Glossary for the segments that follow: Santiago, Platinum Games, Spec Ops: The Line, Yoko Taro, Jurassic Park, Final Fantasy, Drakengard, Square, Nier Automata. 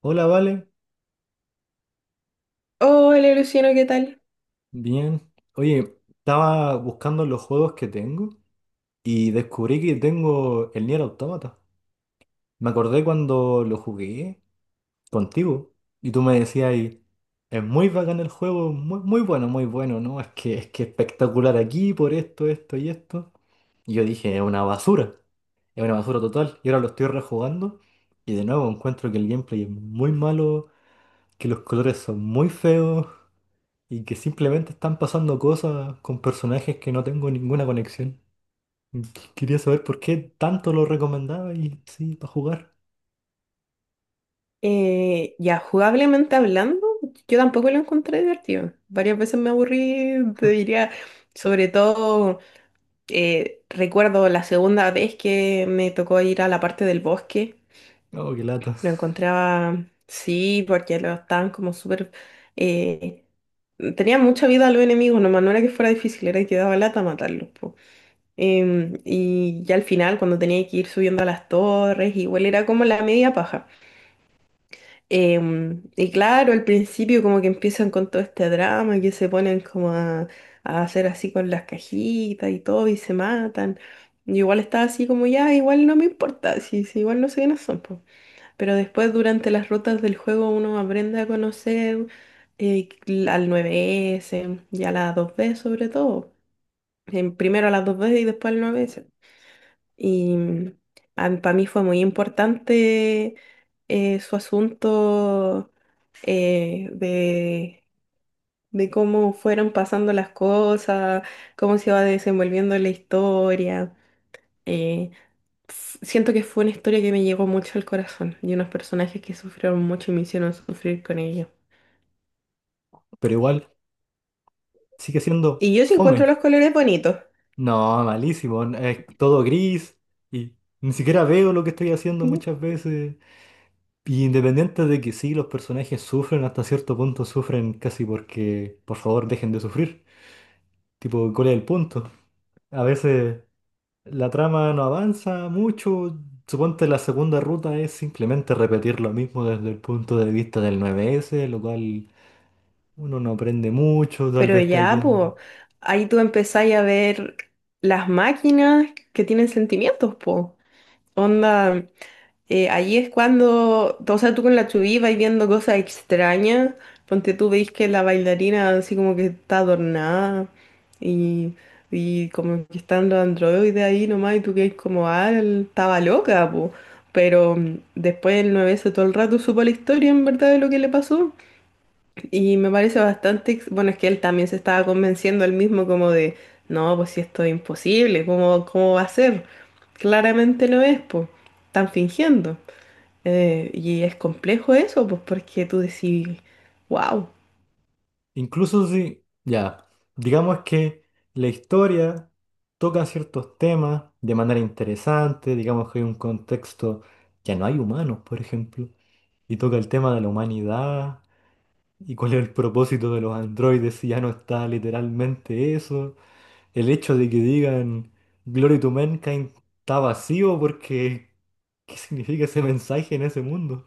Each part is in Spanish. Hola, Vale. Hola Luciano, ¿qué tal? Bien. Oye, estaba buscando los juegos que tengo y descubrí que tengo el Nier Automata. Me acordé cuando lo jugué contigo y tú me decías, ahí, es muy bacán el juego, muy, muy bueno, muy bueno, ¿no? Es que espectacular aquí por esto, esto y esto. Y yo dije, es una basura total. Y ahora lo estoy rejugando y de nuevo encuentro que el gameplay es muy malo, que los colores son muy feos, y que simplemente están pasando cosas con personajes que no tengo ninguna conexión. Quería saber por qué tanto lo recomendaba y sí, para jugar. Ya, Jugablemente hablando, yo tampoco lo encontré divertido. Varias veces me aburrí, te diría, sobre todo recuerdo la segunda vez que me tocó ir a la parte del bosque, Oh, qué lata. lo encontraba, sí, porque lo estaban como súper... eh, tenía mucha vida a los enemigos, nomás no era que fuera difícil, era que daba lata matarlos. Po. Y ya al final, cuando tenía que ir subiendo a las torres, igual era como la media paja. Y claro, al principio como que empiezan con todo este drama, que se ponen como a hacer así con las cajitas y todo y se matan. Yo igual estaba así como ya, igual no me importa, si igual no sé quiénes son. Po". Pero después durante las rutas del juego uno aprende a conocer eh, al nueve s y a las 2B sobre todo. Primero a las dos b y después al nueve s y para mí fue muy importante su asunto eh, de, de cómo fueron pasando las cosas, cómo se va desenvolviendo la historia. Eh, Siento que fue una historia que me llegó mucho al corazón y unos personajes que sufrieron mucho y me hicieron sufrir con ellos. Pero igual sigue siendo Y yo sí encuentro fome. los colores bonitos. No, malísimo. Es todo gris y ni siquiera veo lo que estoy haciendo ¿Mm? muchas veces. Y independiente de que sí, los personajes sufren, hasta cierto punto sufren casi porque, por favor, dejen de sufrir. Tipo, ¿cuál es el punto? A veces la trama no avanza mucho. Suponte la segunda ruta es simplemente repetir lo mismo desde el punto de vista del 9S, lo cual uno no aprende mucho, tal Pero vez está ya, bien. pues, ahí tú empezáis a ver las máquinas que tienen sentimientos, pues. Onda, ahí es cuando, o sea, tú con la chubí vais viendo cosas extrañas. Ponte tú, veis que la bailarina así como que está adornada y, y como que están los androides ahí nomás y tú que como, ah, él estaba loca, po". Pero después el nueve s todo el rato supo la historia en verdad de lo que le pasó. Y me parece bastante, bueno, es que él también se estaba convenciendo él mismo como de, no, pues si esto es imposible, ¿cómo, cómo va a ser? Claramente lo es, pues, están fingiendo. Y es complejo eso, pues porque tú decís, wow, Incluso si, ya, digamos que la historia toca ciertos temas de manera interesante, digamos que hay un contexto, ya no hay humanos, por ejemplo, y toca el tema de la humanidad y cuál es el propósito de los androides si ya no está literalmente eso. El hecho de que digan Glory to Mankind está vacío porque, ¿qué significa ese mensaje en ese mundo?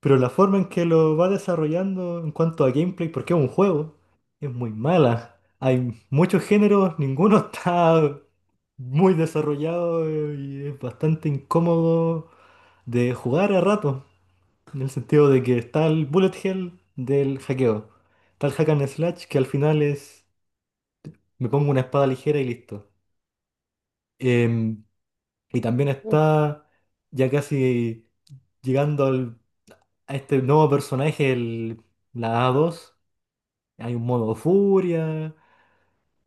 Pero la forma en que lo va desarrollando en cuanto a gameplay, porque es un juego, es muy mala. Hay muchos géneros, ninguno está muy desarrollado, y es bastante incómodo de jugar a rato. En el sentido de que está el bullet hell del hackeo. Está el hack and slash que al final es me pongo una espada ligera y listo. Em, Y también está ya casi llegando al- a este nuevo personaje, la A2. Hay un modo furia.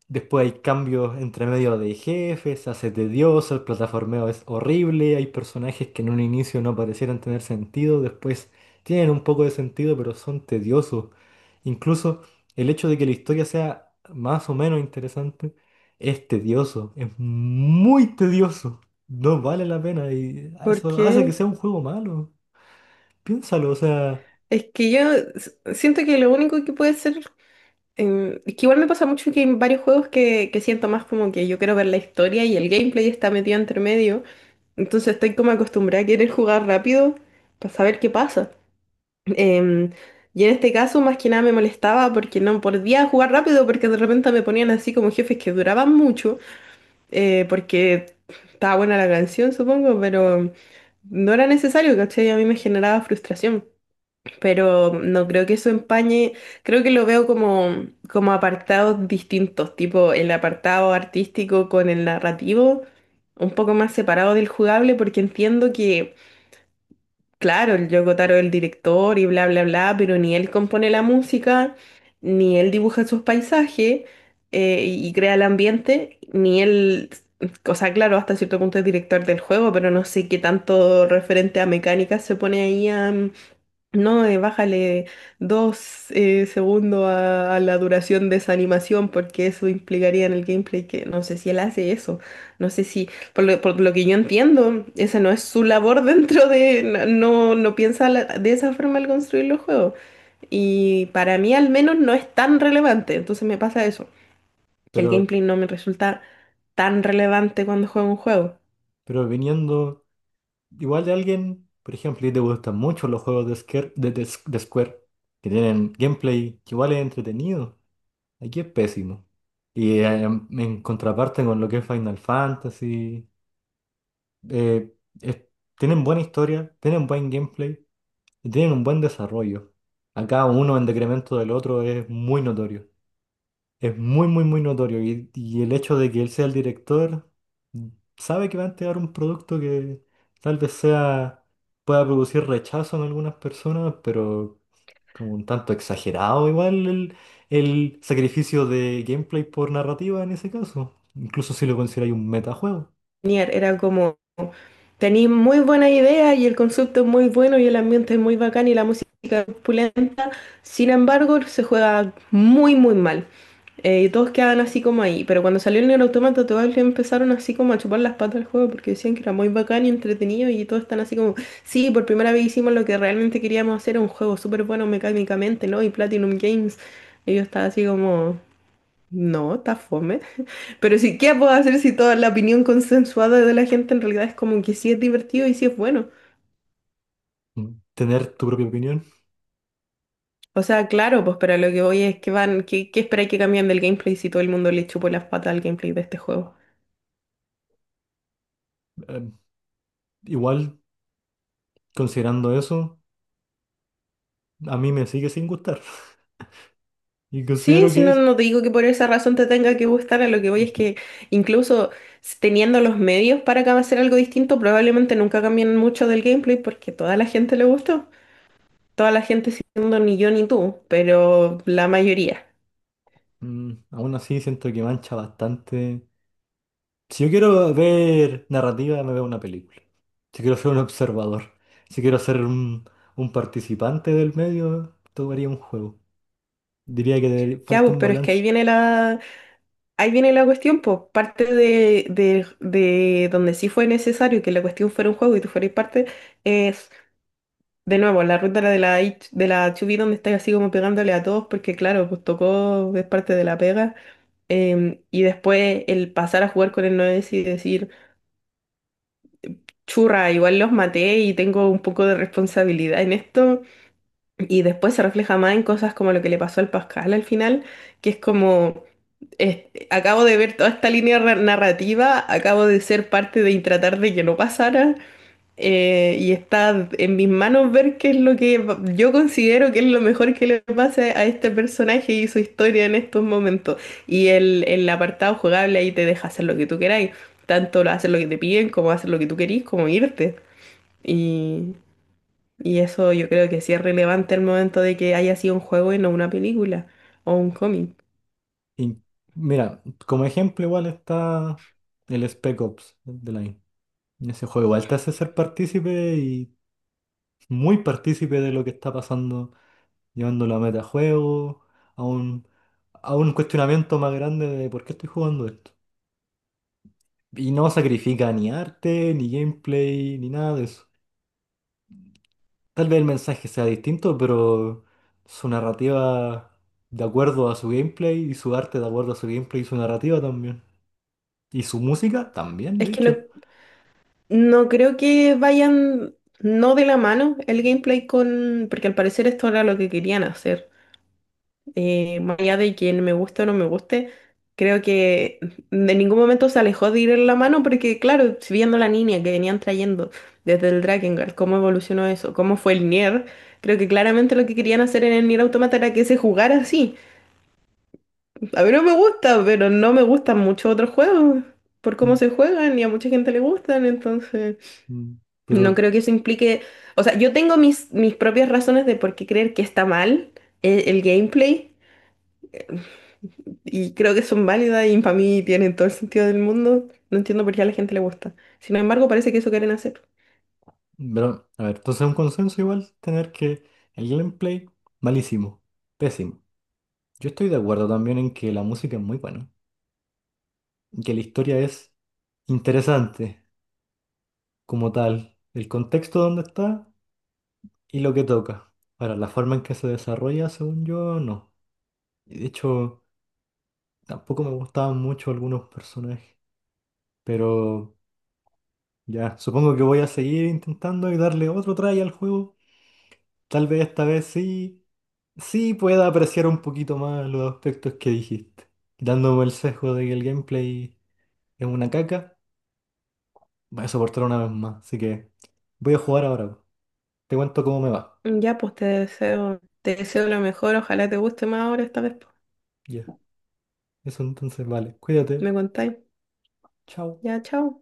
Después hay cambios entre medio de jefes, se hace tedioso, el plataformeo es horrible, hay personajes que en un inicio no parecieran tener sentido, después tienen un poco de sentido, pero son tediosos. Incluso el hecho de que la historia sea más o menos interesante es tedioso, es muy tedioso, no vale la pena y eso hace que porque sea un juego malo. Piénsalo, o sea, es que yo siento que lo único que puede ser, es que igual me pasa mucho que en varios juegos que siento más como que yo quiero ver la historia y el gameplay está metido entre medio, entonces estoy como acostumbrada a querer jugar rápido para saber qué pasa. Em, y en este caso, más que nada me molestaba porque no podía jugar rápido, porque de repente me ponían así como jefes que duraban mucho, porque estaba buena la canción, supongo, pero no era necesario, ¿cachai? A mí me generaba frustración, pero no creo que eso empañe, creo que lo veo como, como apartados distintos, tipo el apartado artístico con el narrativo, un poco más separado del jugable, porque entiendo que... Claro, el Yoko Taro es el director y bla, bla, bla, pero ni él compone la música, ni él dibuja sus paisajes y y crea el ambiente, ni él, o sea, claro, hasta cierto punto es director del juego, pero no sé qué tanto referente a mecánica se pone ahí a, no, bájale dos segundos a la duración de esa animación porque eso implicaría en el gameplay que no sé si él hace eso, no sé si, por lo que yo entiendo, esa no es su labor dentro de, no piensa de esa forma al construir los juegos y para mí al menos no es tan relevante, entonces me pasa eso, que el pero, gameplay no me resulta tan relevante cuando juego un juego. pero viniendo... Igual de alguien, por ejemplo, y te gustan mucho los juegos de Square, de Square, que tienen gameplay que igual es entretenido. Aquí es pésimo. Y en contraparte con lo que es Final Fantasy, eh, es- tienen buena historia, tienen buen gameplay y tienen un buen desarrollo. Acá uno en decremento del otro es muy notorio. Es muy, muy, muy notorio. Y el hecho de que él sea el director, mm, sabe que va a entregar un producto que tal vez sea, pueda producir rechazo en algunas personas, pero como un tanto exagerado igual el sacrificio de gameplay por narrativa en ese caso. Incluso si lo consideráis un metajuego. Nier era como... Tenéis muy buena idea y el concepto es muy bueno y el ambiente es muy bacán y la música es opulenta. Sin embargo, se juega muy, muy mal. Y todos quedan así como ahí. Pero cuando salió el Nier Automata, todos le empezaron así como a chupar las patas al juego porque decían que era muy bacán y entretenido. Y todos están así como, sí, por primera vez hicimos lo que realmente queríamos hacer, un juego súper bueno mecánicamente, ¿no? Y Platinum Games. Y yo estaba así como, no, está fome. Pero sí, ¿qué puedo hacer si toda la opinión consensuada de la gente en realidad es como que sí es divertido y sí es bueno? Mm, tener tu propia opinión. O sea, claro, pues, pero lo que voy es que van, ¿qué, qué esperáis que cambien del gameplay si todo el mundo le chupó las patas al gameplay de este juego? eh, Igual, considerando eso, a mí me sigue sin gustar. Y Sí, considero si que no, es... no te digo que por esa razón te tenga que gustar, a lo que voy es eh, que incluso teniendo los medios para hacer algo distinto, probablemente nunca cambien mucho del gameplay porque toda la gente le gustó. Toda la gente siendo ni yo ni tú, pero la mayoría. Aún así siento que mancha bastante. Si yo quiero ver narrativa, me veo una película. Si quiero ser un observador. Si quiero ser un participante del medio, tomaría un juego. Diría que Ya, falta pues, un pero es que ahí balance. viene. Ahí viene la cuestión, pues, parte de, de donde sí fue necesario que la cuestión fuera un juego y tú fueras parte, es de nuevo la ruta de la, de la HB donde estás así como pegándole a todos, porque claro, pues tocó, es parte de la pega. Y después el pasar a jugar con el 9 y decir, churra, igual los maté y tengo un poco de responsabilidad en esto. Y después se refleja más en cosas como lo que le pasó al Pascal al final, que es como. es- Acabo de ver toda esta línea narrativa, acabo de ser parte de tratar de que no pasara, y está en mis manos ver qué es lo que yo considero que es lo mejor que le pase a este personaje y su historia en estos momentos. Y el apartado jugable ahí te deja hacer lo que tú queráis, tanto lo hacer lo que te piden, como hacer lo que tú querís, como irte. Y, y eso yo creo que sí es relevante el momento de que haya sido un juego y no una película o un cómic. Y mira, como ejemplo igual está el Spec Ops de Line. Ese juego igual te hace ser partícipe y muy partícipe de lo que está pasando, llevándolo a metajuego, a un, a un cuestionamiento más grande de por qué estoy jugando esto. Y no sacrifica ni arte, ni gameplay, ni nada de eso. Tal vez el mensaje sea distinto, pero su narrativa de acuerdo a su gameplay y su arte de acuerdo a su gameplay y su narrativa también. Y su música también, Es de que no, hecho. no creo que vayan no de la mano el gameplay con, porque al parecer esto era lo que querían hacer. Más allá de quien me guste o no me guste, creo que de ningún momento se alejó de ir en la mano porque, claro, si viendo la línea que venían trayendo desde el Drakengard, cómo evolucionó eso, cómo fue el Nier, creo que claramente lo que querían hacer en el Nier Automata era que se jugara así. A mí no me gusta, pero no me gustan muchos otros juegos por cómo Mm, se juegan y a mucha gente le gustan, entonces... mm. No Pero, creo que eso implique, o sea, yo tengo mis propias razones de por qué creer que está mal gameplay y creo que son válidas y para mí tienen todo el sentido del mundo. No entiendo por qué a la gente le gusta. Sin embargo, parece que eso quieren hacer. pero a ver, entonces es un consenso igual tener que el gameplay, malísimo, pésimo. Yo estoy de acuerdo también en que la música es muy buena, y que la historia es interesante como tal. El contexto donde está y lo que toca. Ahora, la forma en que se desarrolla, según yo, no. Y de hecho, tampoco me gustaban mucho algunos personajes. Pero ya, supongo que voy a seguir intentando y darle otro try al juego. Tal vez esta vez sí, sí pueda apreciar un poquito más los aspectos que dijiste. Dándome el sesgo de que el gameplay es una caca, voy a soportar una vez más. Así que voy a jugar ahora. Te cuento cómo me va. Ya, pues te deseo lo mejor, ojalá te guste más ahora esta vez. Pues. Ya, eso entonces vale. Cuídate. Me contáis. Chao. Ya, chao.